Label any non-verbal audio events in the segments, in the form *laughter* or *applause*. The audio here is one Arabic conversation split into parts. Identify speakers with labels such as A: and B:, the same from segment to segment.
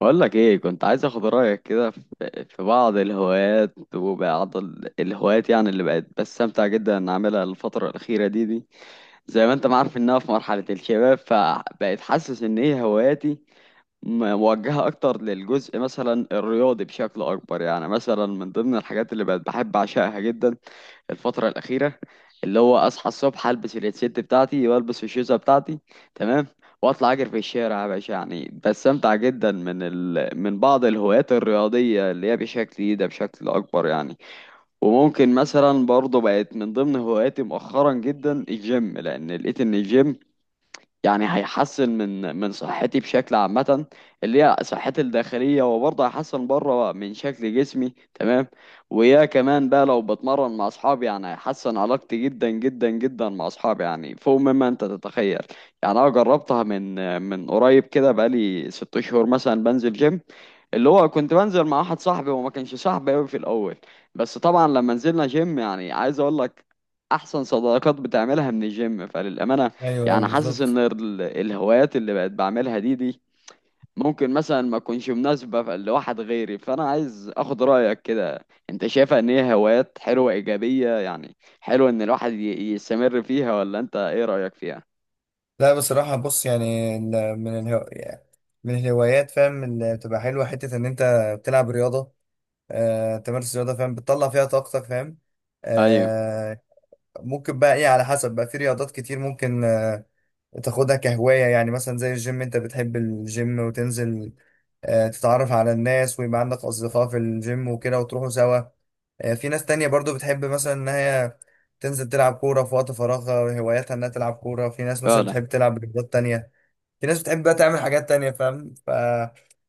A: بقول لك ايه، كنت عايز اخد رايك كده في بعض الهوايات، وبعض الهوايات يعني اللي بقت بستمتع جدا ان اعملها الفتره الاخيره دي. زي ما انت ما عارف انها في مرحله الشباب، فبقيت حاسس ان هي هواياتي موجهه اكتر للجزء مثلا الرياضي بشكل اكبر. يعني مثلا من ضمن الحاجات اللي بقت بحب اعشقها جدا الفترة الأخيرة، اللي هو أصحى الصبح ألبس الهيدسيت بتاعتي وألبس الشوزة بتاعتي، تمام، وأطلع أجري في الشارع يا باشا. يعني بستمتع جدا من بعض الهوايات الرياضية اللي هي بشكل إيه ده، بشكل أكبر يعني. وممكن مثلا برضه بقت من ضمن هواياتي مؤخرا جدا الجيم، لأن لقيت إن الجيم يعني هيحسن من صحتي بشكل عامة، اللي هي صحتي الداخلية، وبرضه هيحسن بره من شكل جسمي، تمام. ويا كمان بقى لو بتمرن مع أصحابي يعني هيحسن علاقتي جدا جدا جدا مع أصحابي، يعني فوق مما أنت تتخيل. يعني أنا جربتها من قريب كده، بقالي 6 شهور مثلا بنزل جيم، اللي هو كنت بنزل مع واحد صاحبي، وما كانش صاحبي قوي في الأول، بس طبعا لما نزلنا جيم، يعني عايز أقول لك أحسن صداقات بتعملها من الجيم، فللأمانة
B: ايوه، ايوه،
A: يعني حاسس ان
B: بالظبط.
A: الهوايات اللي بقت بعملها دي ممكن مثلا ما تكونش مناسبة لواحد غيري. فانا عايز اخد رأيك كده، انت شايفها ان هي هوايات حلوة ايجابية؟ يعني حلو ان الواحد يستمر فيها، ولا انت ايه رأيك فيها؟
B: لا بصراحه، بص يعني يعني من الهوايات، فاهم، اللي بتبقى حلوه، حته ان انت بتلعب رياضه. تمارس رياضه، فاهم، بتطلع فيها طاقتك، فاهم.
A: ايوه.
B: آه. ممكن بقى ايه على حسب، بقى في رياضات كتير ممكن تاخدها كهواية، يعني مثلا زي الجيم، انت بتحب الجيم وتنزل، آه، تتعرف على الناس ويبقى عندك أصدقاء في الجيم وكده وتروحوا سوا. آه، في ناس تانية برضو بتحب مثلا إن هي تنزل تلعب كورة في وقت فراغها، هواياتها إنها تلعب كورة. في ناس مثلا
A: فعلا.
B: بتحب تلعب رياضات تانية، في ناس بتحب بقى تعمل حاجات تانية، فاهم.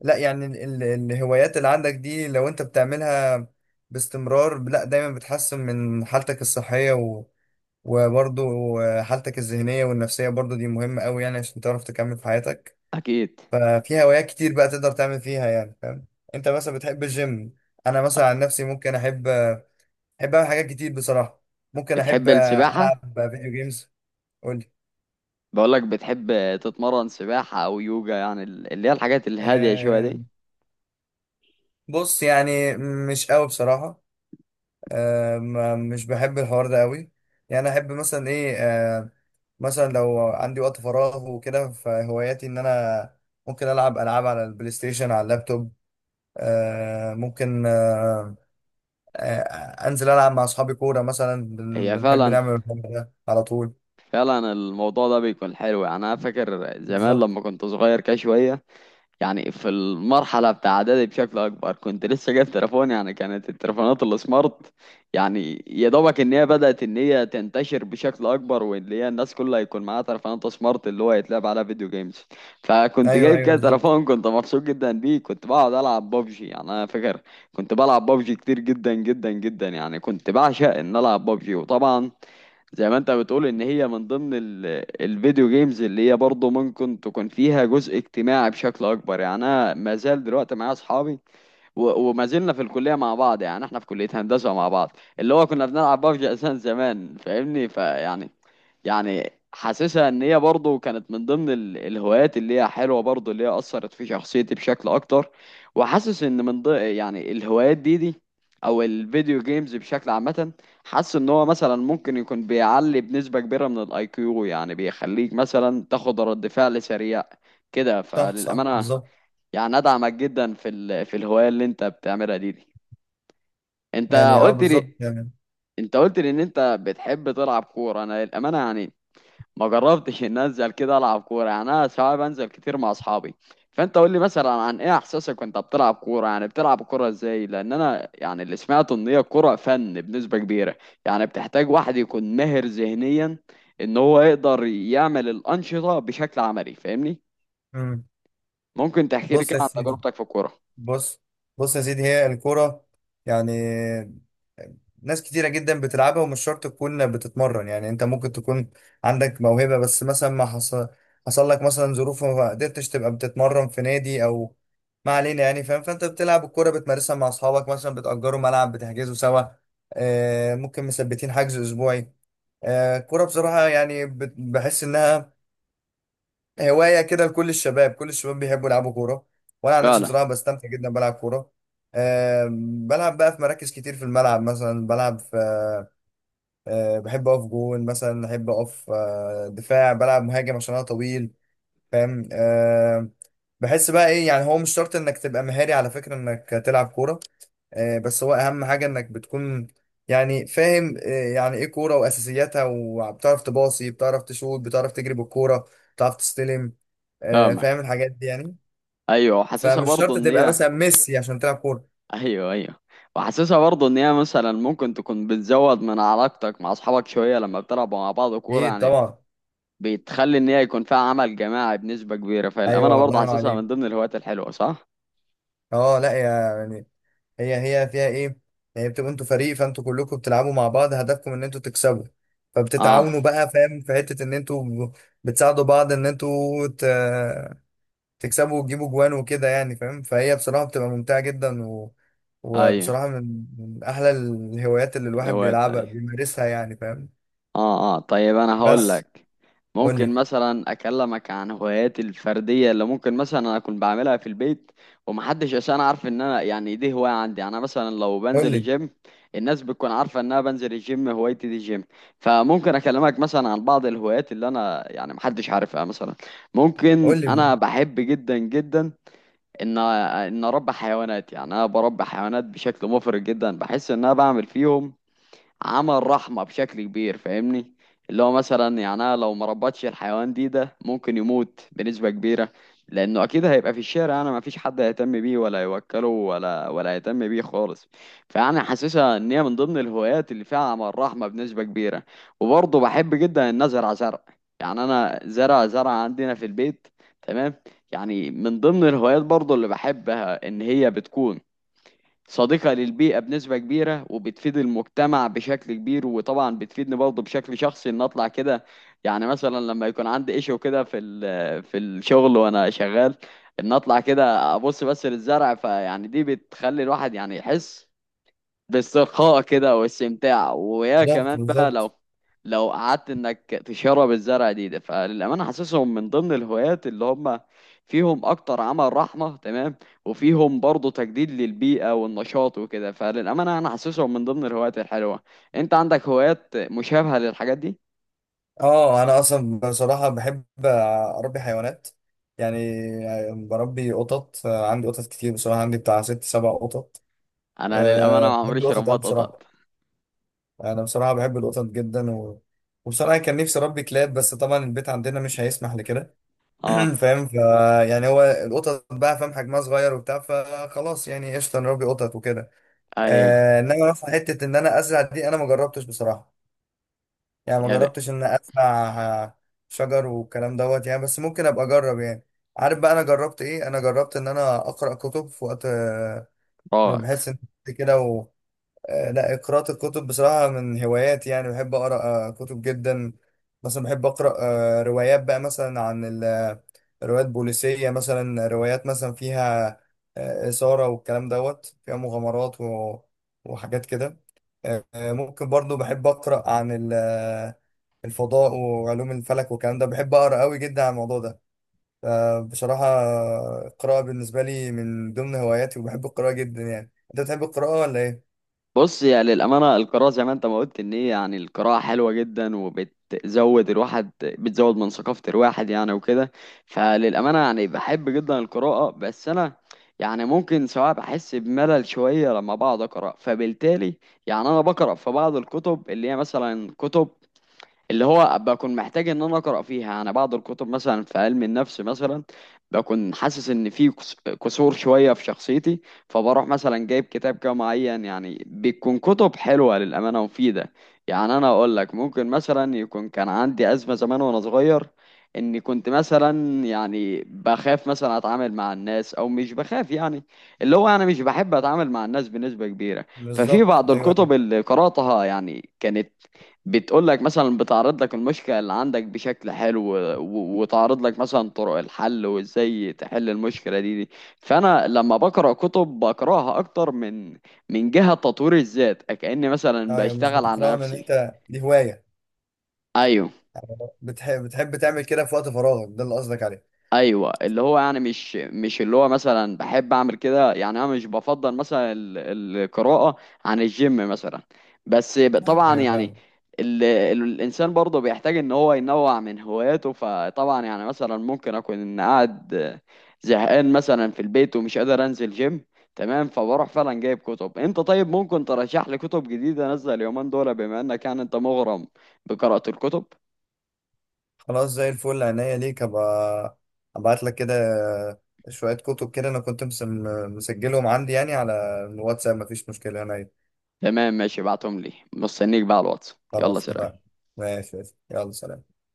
B: لا يعني ال... الهوايات اللي عندك دي لو أنت بتعملها باستمرار، لا دايما بتحسن من حالتك الصحية، وبرضه حالتك الذهنية والنفسية، برضه دي مهمة أوي، يعني عشان تعرف تكمل في حياتك.
A: اكيد.
B: ففي هوايات كتير بقى تقدر تعمل فيها، يعني فاهم. أنت مثلا بتحب الجيم، أنا مثلا عن نفسي ممكن أحب، أعمل حاجات كتير بصراحة. ممكن أحب
A: بتحب السباحة؟
B: ألعب فيديو جيمز. قولي؟
A: بقولك بتحب تتمرن سباحة او يوجا، يعني اللي هي الحاجات الهادية شوية
B: أه،
A: دي؟
B: بص يعني مش أوي بصراحة. آه، ما مش بحب الحوار ده قوي. يعني احب مثلا ايه، مثلا لو عندي وقت فراغ وكده، فهواياتي ان انا ممكن العب العاب على البلاي ستيشن على اللابتوب. ممكن. انزل العب مع اصحابي كوره مثلا،
A: هي
B: بنحب
A: فعلا.
B: نعمل الحوار ده على طول.
A: فعلا الموضوع ده بيكون حلو. يعني انا فاكر زمان
B: بالظبط.
A: لما كنت صغير كده شوية، يعني في المرحلة بتاع إعدادي بشكل أكبر، كنت لسه جايب تليفون. يعني كانت التليفونات السمارت يعني يا دوبك إن هي بدأت إن هي تنتشر بشكل أكبر، واللي هي الناس كلها يكون معاها تليفونات سمارت اللي هو يتلعب على فيديو جيمز. فكنت
B: ايوه،
A: جايب
B: ايوه،
A: كده
B: بالظبط.
A: تليفون، كنت مبسوط جدا بيه، كنت بقعد ألعب ببجي. يعني أنا فاكر كنت بلعب ببجي كتير جدا جدا جدا، يعني كنت بعشق إن ألعب ببجي. وطبعا زي ما انت بتقول ان هي من ضمن الفيديو جيمز اللي هي برضه ممكن تكون فيها جزء اجتماعي بشكل اكبر. يعني انا ما زال دلوقتي معايا اصحابي، وما زلنا في الكلية مع بعض، يعني احنا في كلية هندسة مع بعض، اللي هو كنا بنلعب ببجي اساسا زمان، فاهمني؟ يعني يعني حاسسها ان هي برضه كانت من ضمن الهوايات اللي هي حلوة برضه، اللي هي اثرت في شخصيتي بشكل اكتر. وحاسس ان من ضمن يعني الهوايات دي او الفيديو جيمز بشكل عامة، حاسس ان هو مثلا ممكن يكون بيعلي بنسبة كبيرة من الاي كيو، يعني بيخليك مثلا تاخد رد فعل سريع كده،
B: صح، صح،
A: فللأمانة
B: بالظبط.
A: يعني ادعمك جدا في الهوايه اللي انت بتعملها دي. انت
B: يعني اه
A: قلت
B: بالظبط
A: لي
B: يعني.
A: انت قلت لي ان انت بتحب تلعب كوره. انا الامانه يعني ما جربتش ان انزل كده العب كوره، يعني انا ساعات بنزل كتير مع اصحابي. فانت قول لي مثلا عن ايه احساسك وانت بتلعب كوره، يعني بتلعب كوره ازاي؟ لان انا يعني اللي سمعته ان هي الكوره فن بنسبه كبيره، يعني بتحتاج واحد يكون ماهر ذهنيا ان هو يقدر يعمل الانشطه بشكل عملي، فاهمني؟
B: مم.
A: ممكن تحكي لي
B: بص
A: كده
B: يا
A: عن
B: سيدي.
A: تجربتك في الكوره؟
B: بص. بص يا سيدي، هي الكورة يعني ناس كتيرة جدا بتلعبها، ومش شرط تكون بتتمرن، يعني انت ممكن تكون عندك موهبة، بس مثلا ما حصل، حصل لك مثلا ظروف وما قدرتش تبقى بتتمرن في نادي او ما علينا يعني، فاهم. فانت بتلعب الكورة بتمارسها مع اصحابك، مثلا بتأجروا ملعب، بتحجزوا سوا، آه، ممكن مثبتين حجز اسبوعي. آه، الكورة بصراحة يعني بحس انها هواية كده لكل الشباب، كل الشباب بيحبوا يلعبوا كورة. وأنا عن نفسي
A: فعلا.
B: بصراحة بستمتع جدا بلعب كورة. بلعب بقى في مراكز كتير، في الملعب مثلا بلعب في، بحب أقف جون، مثلا أحب أقف دفاع، بلعب مهاجم عشان أنا طويل، فاهم. بحس بقى إيه، يعني هو مش شرط إنك تبقى مهاري على فكرة إنك تلعب كورة، آه، بس هو اهم حاجه انك بتكون، يعني فاهم، آه، يعني ايه كوره واساسياتها، وبتعرف تباصي، بتعرف تشوط، بتعرف تجري بالكوره، بتعرف تستلم، آه، فاهم
A: فاهمك.
B: الحاجات دي يعني.
A: ايوه، وحاسسها
B: فمش
A: برضه
B: شرط
A: ان
B: تبقى
A: هي
B: مثلا ميسي عشان تلعب كوره.
A: *laughs* ايوه، ايوه. وحاسسها برضه ان هي مثلا ممكن تكون بتزود من علاقتك مع اصحابك شويه لما بتلعبوا مع بعض كوره.
B: اكيد
A: يعني
B: طبعا.
A: بتخلي ان هي يكون فيها عمل جماعي بنسبه كبيره، فالامانه
B: ايوه، الله
A: برضه
B: ينور
A: حاسسها
B: عليك.
A: من ضمن الهوايات الحلوه. صح.
B: اه لا يعني، هي هي فيها ايه يعني، بتبقوا انتوا فريق، فانتوا كلكم بتلعبوا مع بعض هدفكم ان انتوا تكسبوا،
A: اه.
B: فبتتعاونوا بقى فاهم، في حته ان انتوا بتساعدوا بعض ان تكسبوا وتجيبوا جوان وكده، يعني فاهم. فهي بصراحة بتبقى ممتعة جدا، و...
A: ايوه
B: وبصراحة من أحلى الهوايات اللي الواحد
A: الهوايات،
B: بيلعبها
A: ايوه.
B: بيمارسها، يعني فاهم.
A: اه، اه، طيب انا هقول
B: بس
A: لك.
B: قول
A: ممكن
B: لي،
A: مثلا اكلمك عن هواياتي الفرديه اللي ممكن مثلا انا اكون بعملها في البيت، ومحدش عشان عارف ان انا يعني دي هوايه عندي. يعني انا مثلا لو
B: قول
A: بنزل
B: لي،
A: الجيم الناس بتكون عارفه ان انا بنزل الجيم، هوايتي دي الجيم. فممكن اكلمك مثلا عن بعض الهوايات اللي انا يعني محدش عارفها مثلا. ممكن
B: قول لي.
A: انا بحب جدا جدا ان اربي حيوانات، يعني انا بربي حيوانات بشكل مفرط جدا، بحس ان انا بعمل فيهم عمل رحمة بشكل كبير، فاهمني؟ اللي هو مثلا يعني أنا لو ما ربطش الحيوان ده ممكن يموت بنسبة كبيرة، لأنه أكيد هيبقى في الشارع، أنا ما فيش حد هيهتم بيه، ولا يوكله ولا يهتم بيه خالص. فأنا حاسسها إن هي من ضمن الهوايات اللي فيها عمل رحمة بنسبة كبيرة. وبرضه بحب جدا إن أزرع زرع، يعني أنا زرع عندنا في البيت، تمام. يعني من ضمن الهوايات برضه اللي بحبها إن هي بتكون صديقة للبيئة بنسبة كبيرة، وبتفيد المجتمع بشكل كبير، وطبعا بتفيدني برضه بشكل شخصي، ان اطلع كده. يعني مثلا لما يكون عندي ايشو كده في الشغل وانا شغال، ان اطلع كده ابص بس للزرع، فيعني دي بتخلي الواحد يعني يحس بالسخاء كده، واستمتاع. ويا
B: بالظبط،
A: كمان بقى لو
B: بالظبط.
A: لو قعدت انك تشرب الزرع ده فللامانه حاسسهم من ضمن الهوايات اللي هم فيهم اكتر عمل رحمه، تمام. وفيهم برضه تجديد للبيئه والنشاط وكده، فللامانه انا حاسسهم من ضمن الهوايات الحلوه. انت عندك هوايات مشابهه للحاجات دي؟
B: اه انا اصلا بصراحة بحب اربي حيوانات، يعني بربي قطط. آه، عندي قطط كتير بصراحة، عندي بتاع ست سبع قطط.
A: انا للامانه
B: أه
A: ما
B: بحب
A: عمريش
B: القطط أوي
A: ربطت قطط.
B: بصراحة. أنا بصراحة بحب القطط جدا، و... وبصراحة كان نفسي أربي كلاب، بس طبعا البيت عندنا مش هيسمح لكده.
A: اه.
B: *clears throat* فاهم. يعني هو القطط بقى، فاهم حجمها صغير وبتاع، فخلاص يعني قشطه نربي قطط وكده.
A: ايوه.
B: آه، انما مثلا حته ان انا ازرع دي انا ما جربتش بصراحه، يعني ما
A: يا ده
B: جربتش ان ازرع آه، شجر والكلام دوت، يعني بس ممكن ابقى اجرب. يعني عارف بقى انا جربت ايه؟ انا جربت ان انا اقرا كتب في وقت. آه، ما بحس
A: راك.
B: ان كده. لا، قراءة الكتب بصراحة من هواياتي، يعني بحب أقرأ آه، كتب جدا. مثلا بحب أقرأ آه، روايات بقى، مثلا عن روايات بوليسية، مثلا روايات مثلا فيها آه، إثارة والكلام دوت، فيها مغامرات و- وحاجات كده. ممكن برضو بحب أقرأ عن الفضاء وعلوم الفلك والكلام ده، بحب أقرأ قوي جدا عن الموضوع ده. فبصراحة آه، القراءة بالنسبة لي من ضمن هواياتي، وبحب القراءة جدا. يعني أنت بتحب القراءة ولا إيه؟
A: بص، يعني للأمانة القراءة زي ما أنت ما قلت إن هي، يعني القراءة حلوة جدا، وبتزود الواحد، بتزود من ثقافة الواحد يعني، وكده. فللأمانة يعني بحب جدا القراءة، بس أنا يعني ممكن سواء بحس بملل شوية لما بقعد أقرأ، فبالتالي يعني أنا بقرأ في بعض الكتب اللي هي مثلا كتب اللي هو بكون محتاج ان انا اقرا فيها انا، بعض الكتب مثلا في علم النفس مثلا، بكون حاسس ان في كسور شويه في شخصيتي، فبروح مثلا جايب كتاب كده معين. يعني بتكون كتب حلوه للامانه ومفيده. يعني انا اقول لك، ممكن مثلا يكون كان عندي ازمه زمان وانا صغير، اني كنت مثلا يعني بخاف مثلا اتعامل مع الناس، او مش بخاف يعني، اللي هو انا مش بحب اتعامل مع الناس بنسبه كبيره. ففي
B: بالظبط،
A: بعض
B: ايوه، ايوه.
A: الكتب اللي قراتها يعني كانت بتقول لك مثلا، بتعرض لك المشكلة اللي عندك بشكل حلو، وتعرض لك مثلا طرق الحل وازاي تحل المشكلة دي. فأنا لما بقرأ كتب بقرأها أكتر من جهة تطوير الذات، كأني مثلا
B: ايوه، مش
A: بشتغل على
B: بتفرغ من ان
A: نفسي.
B: انت دي هوايه
A: أيوه.
B: بتحب، تعمل كده في وقت فراغك، ده اللي قصدك عليه.
A: ايوه، اللي هو يعني مش اللي هو مثلا بحب اعمل كده. يعني انا مش بفضل مثلا القراءه عن الجيم مثلا، بس ب-
B: ايوه،
A: طبعا
B: ايوه،
A: يعني
B: فاهم.
A: ال ال الانسان برضه بيحتاج ان هو ينوع من هواياته. فطبعا يعني مثلا ممكن اكون قاعد زهقان مثلا في البيت، ومش قادر انزل جيم، تمام، فبروح فعلا جايب كتب. انت طيب ممكن ترشح لي كتب جديده انزل اليومين دول، بما انك يعني انت مغرم بقراءه الكتب؟
B: خلاص، زي الفل، عينيا ليك، ابقى ابعت لك كده شويه كتب كده، انا كنت مسجلهم عندي يعني على الواتساب، مفيش مشكله عينيا.
A: تمام، ماشي، بعتهم لي، مستنيك بقى على الواتس، يلا
B: خلاص
A: سلام.
B: اتفقنا. ماشي، ماشي. يلا سلام.